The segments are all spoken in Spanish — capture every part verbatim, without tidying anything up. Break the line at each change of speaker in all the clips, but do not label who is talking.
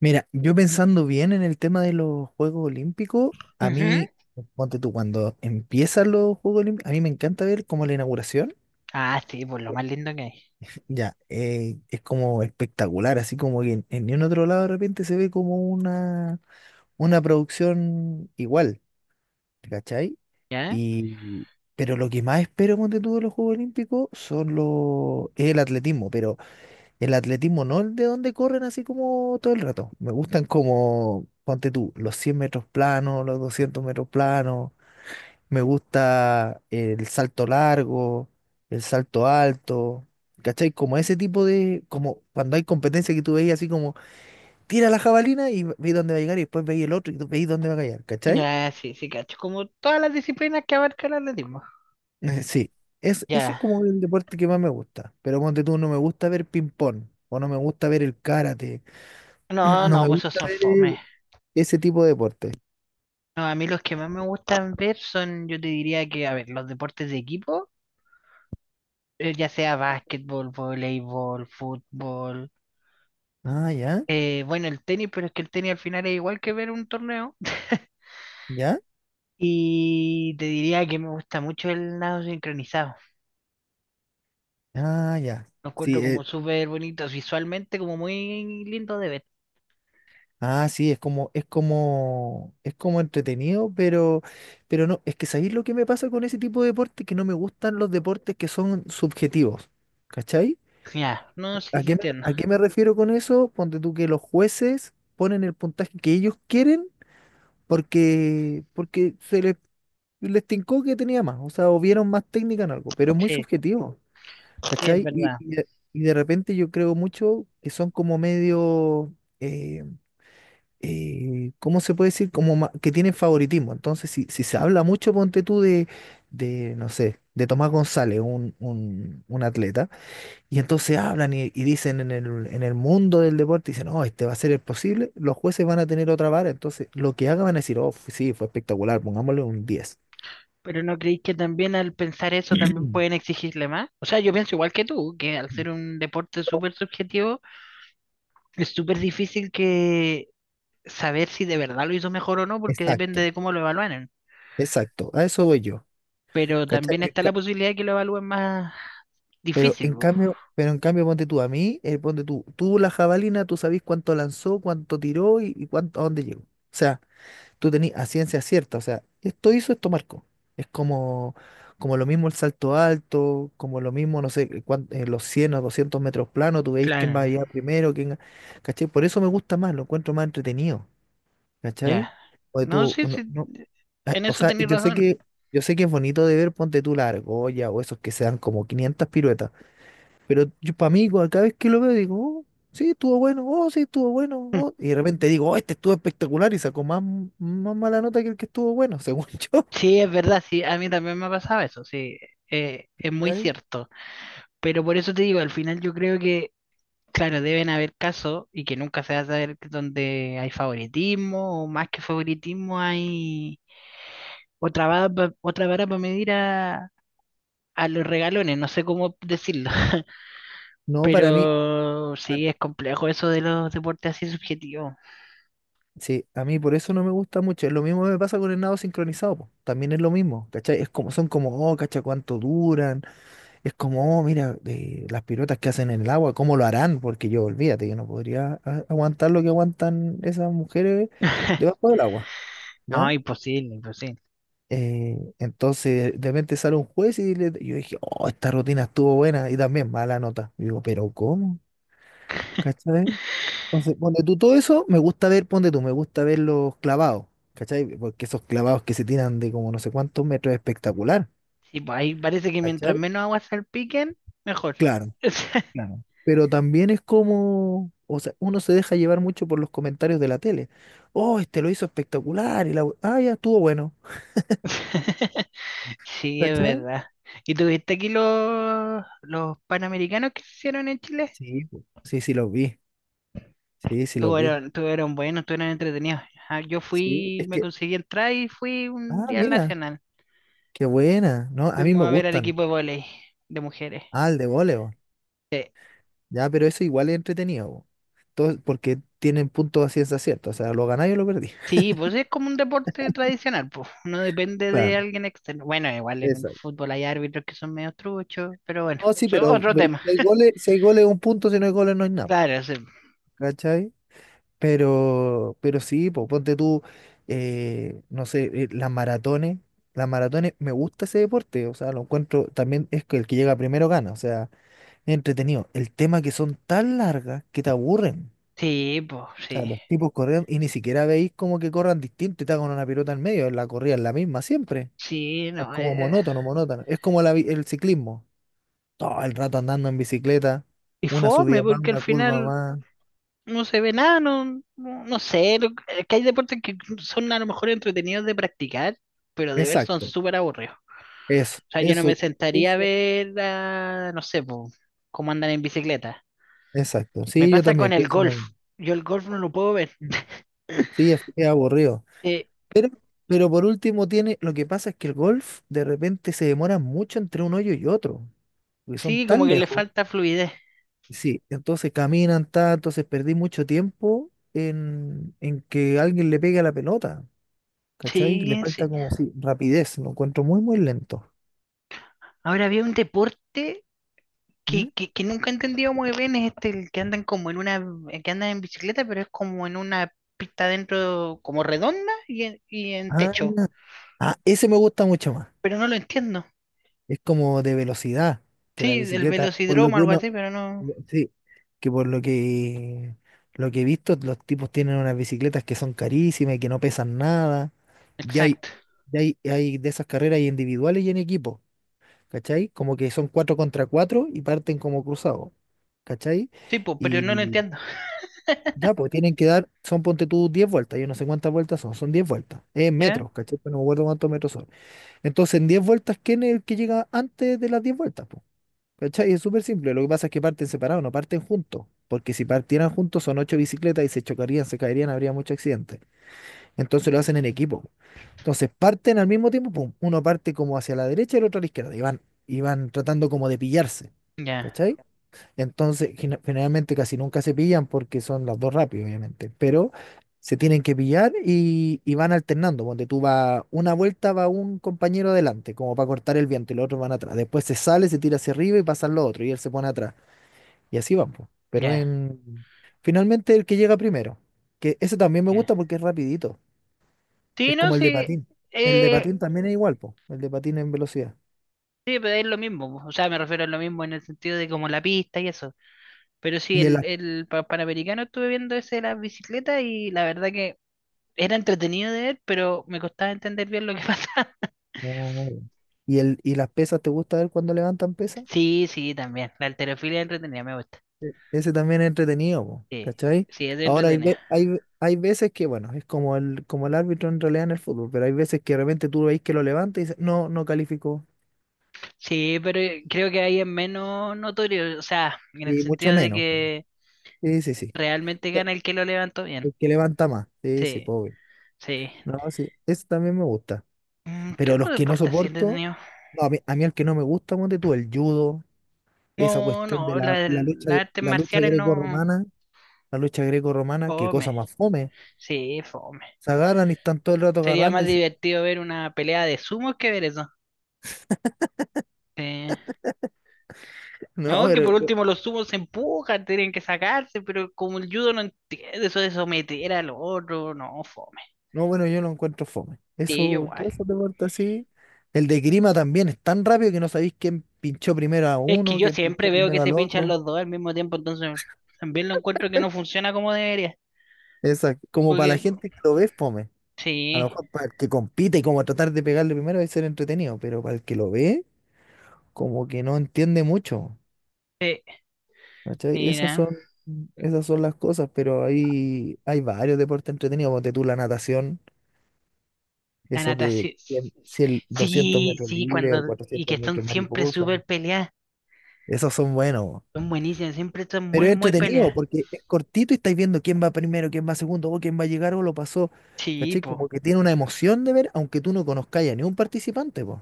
Mira, yo pensando bien en el tema de los Juegos Olímpicos, a
Ujú.
mí, ponte tú, cuando empiezan los Juegos Olímpicos, a mí me encanta ver como la inauguración,
Ah, sí, pues lo más lindo que hay.
ya, eh, es como espectacular, así como que en, en ningún otro lado de repente se ve como una, una producción igual, ¿cachai?
¿Ya?
Y, pero lo que más espero, ponte tú, de los Juegos Olímpicos son los, es el atletismo, pero el atletismo no es de donde corren así como todo el rato. Me gustan como, ponte tú, los cien metros planos, los doscientos metros planos. Me gusta el salto largo, el salto alto. ¿Cachai? Como ese tipo de, como cuando hay competencia que tú veis así como, tira la jabalina y veis dónde va a llegar y después veis el otro y tú veis dónde va a caer. ¿Cachai?
Ya, sí, sí, cacho. Como todas las disciplinas que abarca el atletismo.
Eh, Sí, es, eso es
Ya.
como el deporte que más me gusta. Pero ponte tú, no me gusta ver ping-pong o no me gusta ver el karate.
No,
No
no,
me
pues esos
gusta
son
ver, eh,
fome.
ese tipo de deporte.
No, a mí los que más me gustan ver son, yo te diría que, a ver, los deportes de equipo, eh, ya sea básquetbol, voleibol, fútbol.
Ah, ya,
Eh, bueno, el tenis, pero es que el tenis al final es igual que ver un torneo.
ya,
Y te diría que me gusta mucho el nado sincronizado.
ah, ya.
Lo
Sí,
encuentro como
eh,
súper bonito visualmente, como muy lindo de ver.
ah, sí, es como, es como, es como entretenido, pero, pero no, es que ¿sabéis lo que me pasa con ese tipo de deporte? Que no me gustan los deportes que son subjetivos. ¿Cachai?
Ya, no sé
¿A
si
qué me,
entiendo.
a qué me refiero con eso? Ponte tú que los jueces ponen el puntaje que ellos quieren porque, porque se les, les tincó que tenía más, o sea, o vieron más técnica en algo, pero es muy
Sí,
subjetivo.
sí, es
¿Cachai? Y,
verdad.
y de, y de repente yo creo mucho que son como medio, eh, eh, ¿cómo se puede decir? Como ma- que tienen favoritismo. Entonces, si, si se habla mucho, ponte tú de, de, no sé, de Tomás González, un, un- un atleta, y entonces hablan y, y dicen en el, en el mundo del deporte, dicen, no, este va a ser el posible, los jueces van a tener otra vara, entonces lo que hagan van a decir, oh, f- sí, fue espectacular, pongámosle un diez.
Pero ¿no creéis que también al pensar eso también pueden exigirle más? O sea, yo pienso igual que tú, que al ser un deporte súper subjetivo, es súper difícil que saber si de verdad lo hizo mejor o no, porque
Exacto,
depende de cómo lo evalúen.
exacto, a eso voy yo.
Pero
¿Cachai?
también está la posibilidad de que lo evalúen más
Pero
difícil,
en
po.
cambio, pero en cambio, ponte tú a mí, eh, ponte tú, tú la jabalina, tú sabés cuánto lanzó, cuánto tiró y, y cuánto, a dónde llegó. O sea, tú tenés a ciencia cierta, o sea, esto hizo, esto marcó. Es como, como lo mismo el salto alto, como lo mismo, no sé, eh, cuán- eh, los cien o doscientos metros planos, tú veis quién va a
Claro,
llegar primero, quién, ¿cachai? Por eso me gusta más, lo encuentro más entretenido, ¿cachai?
ya.
O
No
tú,
sé
no,
si
no- Ay,
en
o
eso
sea,
tenéis
yo sé
razón.
que, yo sé que es bonito de ver, ponte tú la argolla o esos que se dan como quinientas piruetas. Pero yo para mí, cada vez que lo veo, digo, oh, sí, estuvo bueno, oh, sí, estuvo bueno, oh. Y de repente digo, oh, este estuvo espectacular y sacó más, más mala nota que el que estuvo bueno, según yo.
Sí, es verdad, sí, a mí también me ha pasado eso, sí, eh, es muy
¿Cachai?
cierto. Pero por eso te digo, al final yo creo que claro, deben haber casos y que nunca se va a saber donde hay favoritismo o más que favoritismo hay otra vara, pa- otra vara para medir a, a los regalones, no sé cómo decirlo,
No, para mí,
pero
para-
sí es complejo eso de los deportes así subjetivos.
sí, a mí por eso no me gusta mucho. Es lo mismo que me pasa con el nado sincronizado, po. También es lo mismo, ¿cachai? Es como, son como, oh, cacha, cuánto duran. Es como, oh, mira, eh, las piruetas que hacen en el agua, ¿cómo lo harán? Porque yo, olvídate, que no podría a- aguantar lo que aguantan esas mujeres debajo del agua,
No,
¿ya?
imposible, imposible.
Eh, entonces, de repente sale un juez y le- yo dije, oh, esta rutina estuvo buena y también mala nota. Y digo, pero ¿cómo? ¿Cachai? Entonces, ponte tú todo eso, me gusta ver, ponte tú, me gusta ver los clavados, ¿cachai? Porque esos clavados que se tiran de como no sé cuántos metros es espectacular,
Sí, pues ahí parece que mientras
¿cachai?
menos aguas salpiquen, mejor.
Claro, claro. Pero también es como, o sea, uno se deja llevar mucho por los comentarios de la tele. Oh, este lo hizo espectacular y la, we- ah, ya estuvo bueno,
Sí, es
¿cachai?
verdad. ¿Y tuviste aquí los, los panamericanos que se hicieron en Chile?
Sí, po. Sí, sí los vi, sí, sí los
Todos
vi.
eran tuvieron, eran buenos, tuvieron entretenidos. Ah, yo
Sí,
fui,
es
me
que.
conseguí entrar y fui un
Ah,
día al
mira,
Nacional.
qué buena. No, a mí
Fuimos
me
a ver al
gustan.
equipo de vóley de mujeres.
Ah, el de voleo.
Sí,
Ya, pero eso igual es entretenido, po. Todo- porque tienen puntos a ciencia cierta. O sea, lo ganáis o lo perdí.
sí, pues es como un deporte tradicional, pues. No depende de
Claro,
alguien externo. Bueno, igual en el
exacto.
fútbol hay árbitros que son medio truchos, pero bueno,
No, sí,
eso es
pero
otro
ve-
tema.
si hay goles, si hay goles, un punto, si no hay goles, no hay nada.
Claro, sí.
¿Cachai? Pero, pero sí, po, ponte tú, eh, no sé, eh, las maratones. Las maratones, me gusta ese deporte. O sea, lo encuentro, también es que el que llega primero gana. O sea, es entretenido. El tema que son tan largas que te aburren.
Sí, pues,
Sea,
sí.
los tipos corrieron y ni siquiera veis como que corran distinto y está con una pelota en medio, la corrida es la misma siempre.
Sí,
Es
no.
como
eh,
monótono, monótono. Es como la vi- el ciclismo. Todo el rato andando en bicicleta,
Y
una
fome,
subida más,
porque al
una curva
final
más.
no se ve nada, no, no, no sé. lo- Es que hay deportes que son a lo mejor entretenidos de practicar, pero de ver son
Exacto,
súper aburridos.
eso,
O sea, yo no
eso,
me sentaría a
eso,
ver, a, no sé, po, cómo andan en bicicleta.
exacto.
Me
Sí, yo
pasa con
también
el
pienso lo
golf.
mismo.
Yo el golf no lo puedo ver.
Mm. Sí, es, es aburrido.
Eh,
Pero, pero por último tiene, lo que pasa es que el golf de repente se demora mucho entre un hoyo y otro, porque son
sí, como
tan
que le
lejos.
falta fluidez.
Sí, entonces caminan, ta, entonces perdí mucho tiempo en, en que alguien le pegue a la pelota, ¿cachai? Le
Sí,
falta
sí.
como si rapidez, lo encuentro muy, muy lento.
Ahora había un deporte
¿Mm?
que, que, que nunca he entendido muy bien, es este, el que andan como en una, que andan en bicicleta, pero es como en una pista dentro, como redonda y en, y en
Ah,
techo.
ah, ese me gusta mucho más.
Pero no lo entiendo.
Es como de velocidad, que la
Sí, el
bicicleta, por lo
velocidromo,
que
algo
uno,
así, pero no.
sí, que por lo que lo que he visto, los tipos tienen unas bicicletas que son carísimas y que no pesan nada. Ya hay,
Exacto.
ya hay, hay de esas carreras hay individuales y en equipo. ¿Cachai? Como que son cuatro contra cuatro y parten como cruzados, ¿cachai?
Sí, pues, pero no lo
Y
entiendo.
ya, pues tienen que dar, son ponte tú diez vueltas, yo no sé cuántas vueltas son, son diez vueltas, es en
¿Ya?
metros, ¿cachai? Pero no me acuerdo cuántos metros son. Entonces, en diez vueltas, ¿quién es el que llega antes de las diez vueltas, po? ¿Cachai? Es súper simple, lo que pasa es que parten separados, no parten juntos, porque si partieran juntos son ocho bicicletas y se chocarían, se caerían, habría mucho accidente. Entonces lo hacen en equipo. Entonces parten al mismo tiempo, pum, uno parte como hacia la derecha y el otro a la izquierda, y van, y van tratando como de pillarse,
Ya,
¿cachai? Entonces, gene- generalmente casi nunca se pillan porque son las dos rápidas, obviamente, pero se tienen que pillar y, y van alternando, donde tú vas, una vuelta va un compañero adelante, como para cortar el viento, y los otros van atrás. Después se sale, se tira hacia arriba y pasan los otros, y él se pone atrás. Y así van, pues. Pero
ya,
en, finalmente el que llega primero, que eso también me
ya.
gusta porque es rapidito.
Sí,
Es
no,
como el de
sí.
patín. El de
Eh,
patín también es igual, po. El de patín en velocidad.
sí, pero es lo mismo. O sea, me refiero a lo mismo en el sentido de como la pista y eso. Pero sí,
Y el,
el, el pa- Panamericano estuve viendo ese de las bicicletas y la verdad que era entretenido de ver, pero me costaba entender bien lo que pasaba.
Oh. Y el, y las pesas, ¿te gusta ver cuando levantan pesas?
Sí, sí, también. La halterofilia es entretenida, me gusta.
Sí. Ese también es entretenido, po,
Sí,
¿cachai?
sí, es
Ahora hay,
entretenida.
ve- hay, ve- hay veces que, bueno, es como el, como el árbitro en realidad en el fútbol, pero hay veces que de repente tú veis que lo levanta y dices, no, no calificó.
Sí, pero eh, creo que ahí es menos notorio, o sea, en el
Y mucho
sentido de
menos, po.
que
Sí, sí, sí.
realmente gana el que lo levantó bien.
El que levanta más. Sí, sí,
Sí,
pobre.
sí.
No, sí. Eso también me gusta.
Mm, ¿qué
Pero
otro
los que no
deporte así
soporto,
entretenido?
no, a mí, a mí el que no me gusta, ponte tú, el judo. Esa
No,
cuestión de
no,
la,
la-
la lucha,
las artes
la lucha
marciales no.
greco-romana, la lucha greco-romana, qué
Fome.
cosa más fome.
Sí, fome.
Se agarran y están todo el rato
Sería
agarrando
más
y dicen,
divertido ver una pelea de sumos que ver eso. Sí.
no,
No, que
pero,
por último los sumos se empujan, tienen que sacarse, pero como el judo no entiende eso de someter al otro, no, fome.
no, bueno, yo lo encuentro fome.
Sí, yo
Eso,
igual.
todo eso te corta así. El de Grima también es tan rápido que no sabéis quién pinchó primero a
Es que
uno,
yo
quién
siempre
pinchó
veo que
primero
se
al
pinchan
otro.
los dos al mismo tiempo, entonces también lo encuentro que no funciona como debería.
Esa, como para
Porque,
la gente que lo ve, es fome. A lo
sí,
mejor para el que compite y como tratar de pegarle primero es ser entretenido, pero para el que lo ve, como que no entiende mucho.
eh,
¿Cachai? Esas
mira,
son, esas son las cosas, pero hay, hay varios deportes entretenidos, ponte tú la natación,
la
esos de
natación.
cien, cien, doscientos
Sí,
metros
sí,
libres o
cuando. Y que
cuatrocientos
están
metros
siempre
mariposa,
súper peleadas.
esos son buenos, bo.
Son buenísimas, siempre están
Pero
muy,
es
muy
entretenido
peleadas.
porque es cortito y estáis viendo quién va primero, quién va segundo, o quién va a llegar o lo pasó.
Sí,
¿Cachai? Como
po.
que tiene una emoción de ver, aunque tú no conozcáis a ningún participante, pues.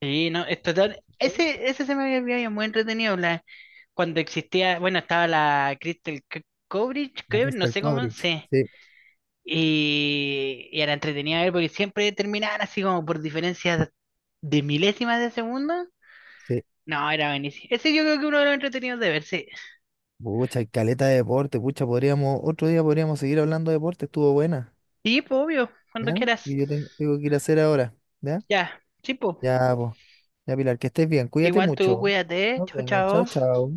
Sí, no, es total. Ese, ese se me había olvidado, y es muy entretenido. La- cuando existía, bueno, estaba la Crystal Coverage,
La
no
Crystal
sé cómo,
Coverage.
sí.
Sí,
Y, y era entretenida ver porque siempre terminaban así como por diferencias de milésimas de segundo.
sí.
No, era buenísimo. Ese yo creo que uno de los entretenidos de ver, sí.
Pucha, hay caleta de deporte, pucha, podríamos, otro día podríamos seguir hablando de deporte, estuvo buena.
Sí, po, obvio,
¿Ya?
cuando quieras.
Y yo ten- tengo que ir a hacer ahora, ¿ya?
Ya, sí, po.
Ya, pues, ya, Pilar, que estés bien, cuídate
Igual tú
mucho.
cuídate,
Nos
chao,
vemos,
chao.
chao, chao.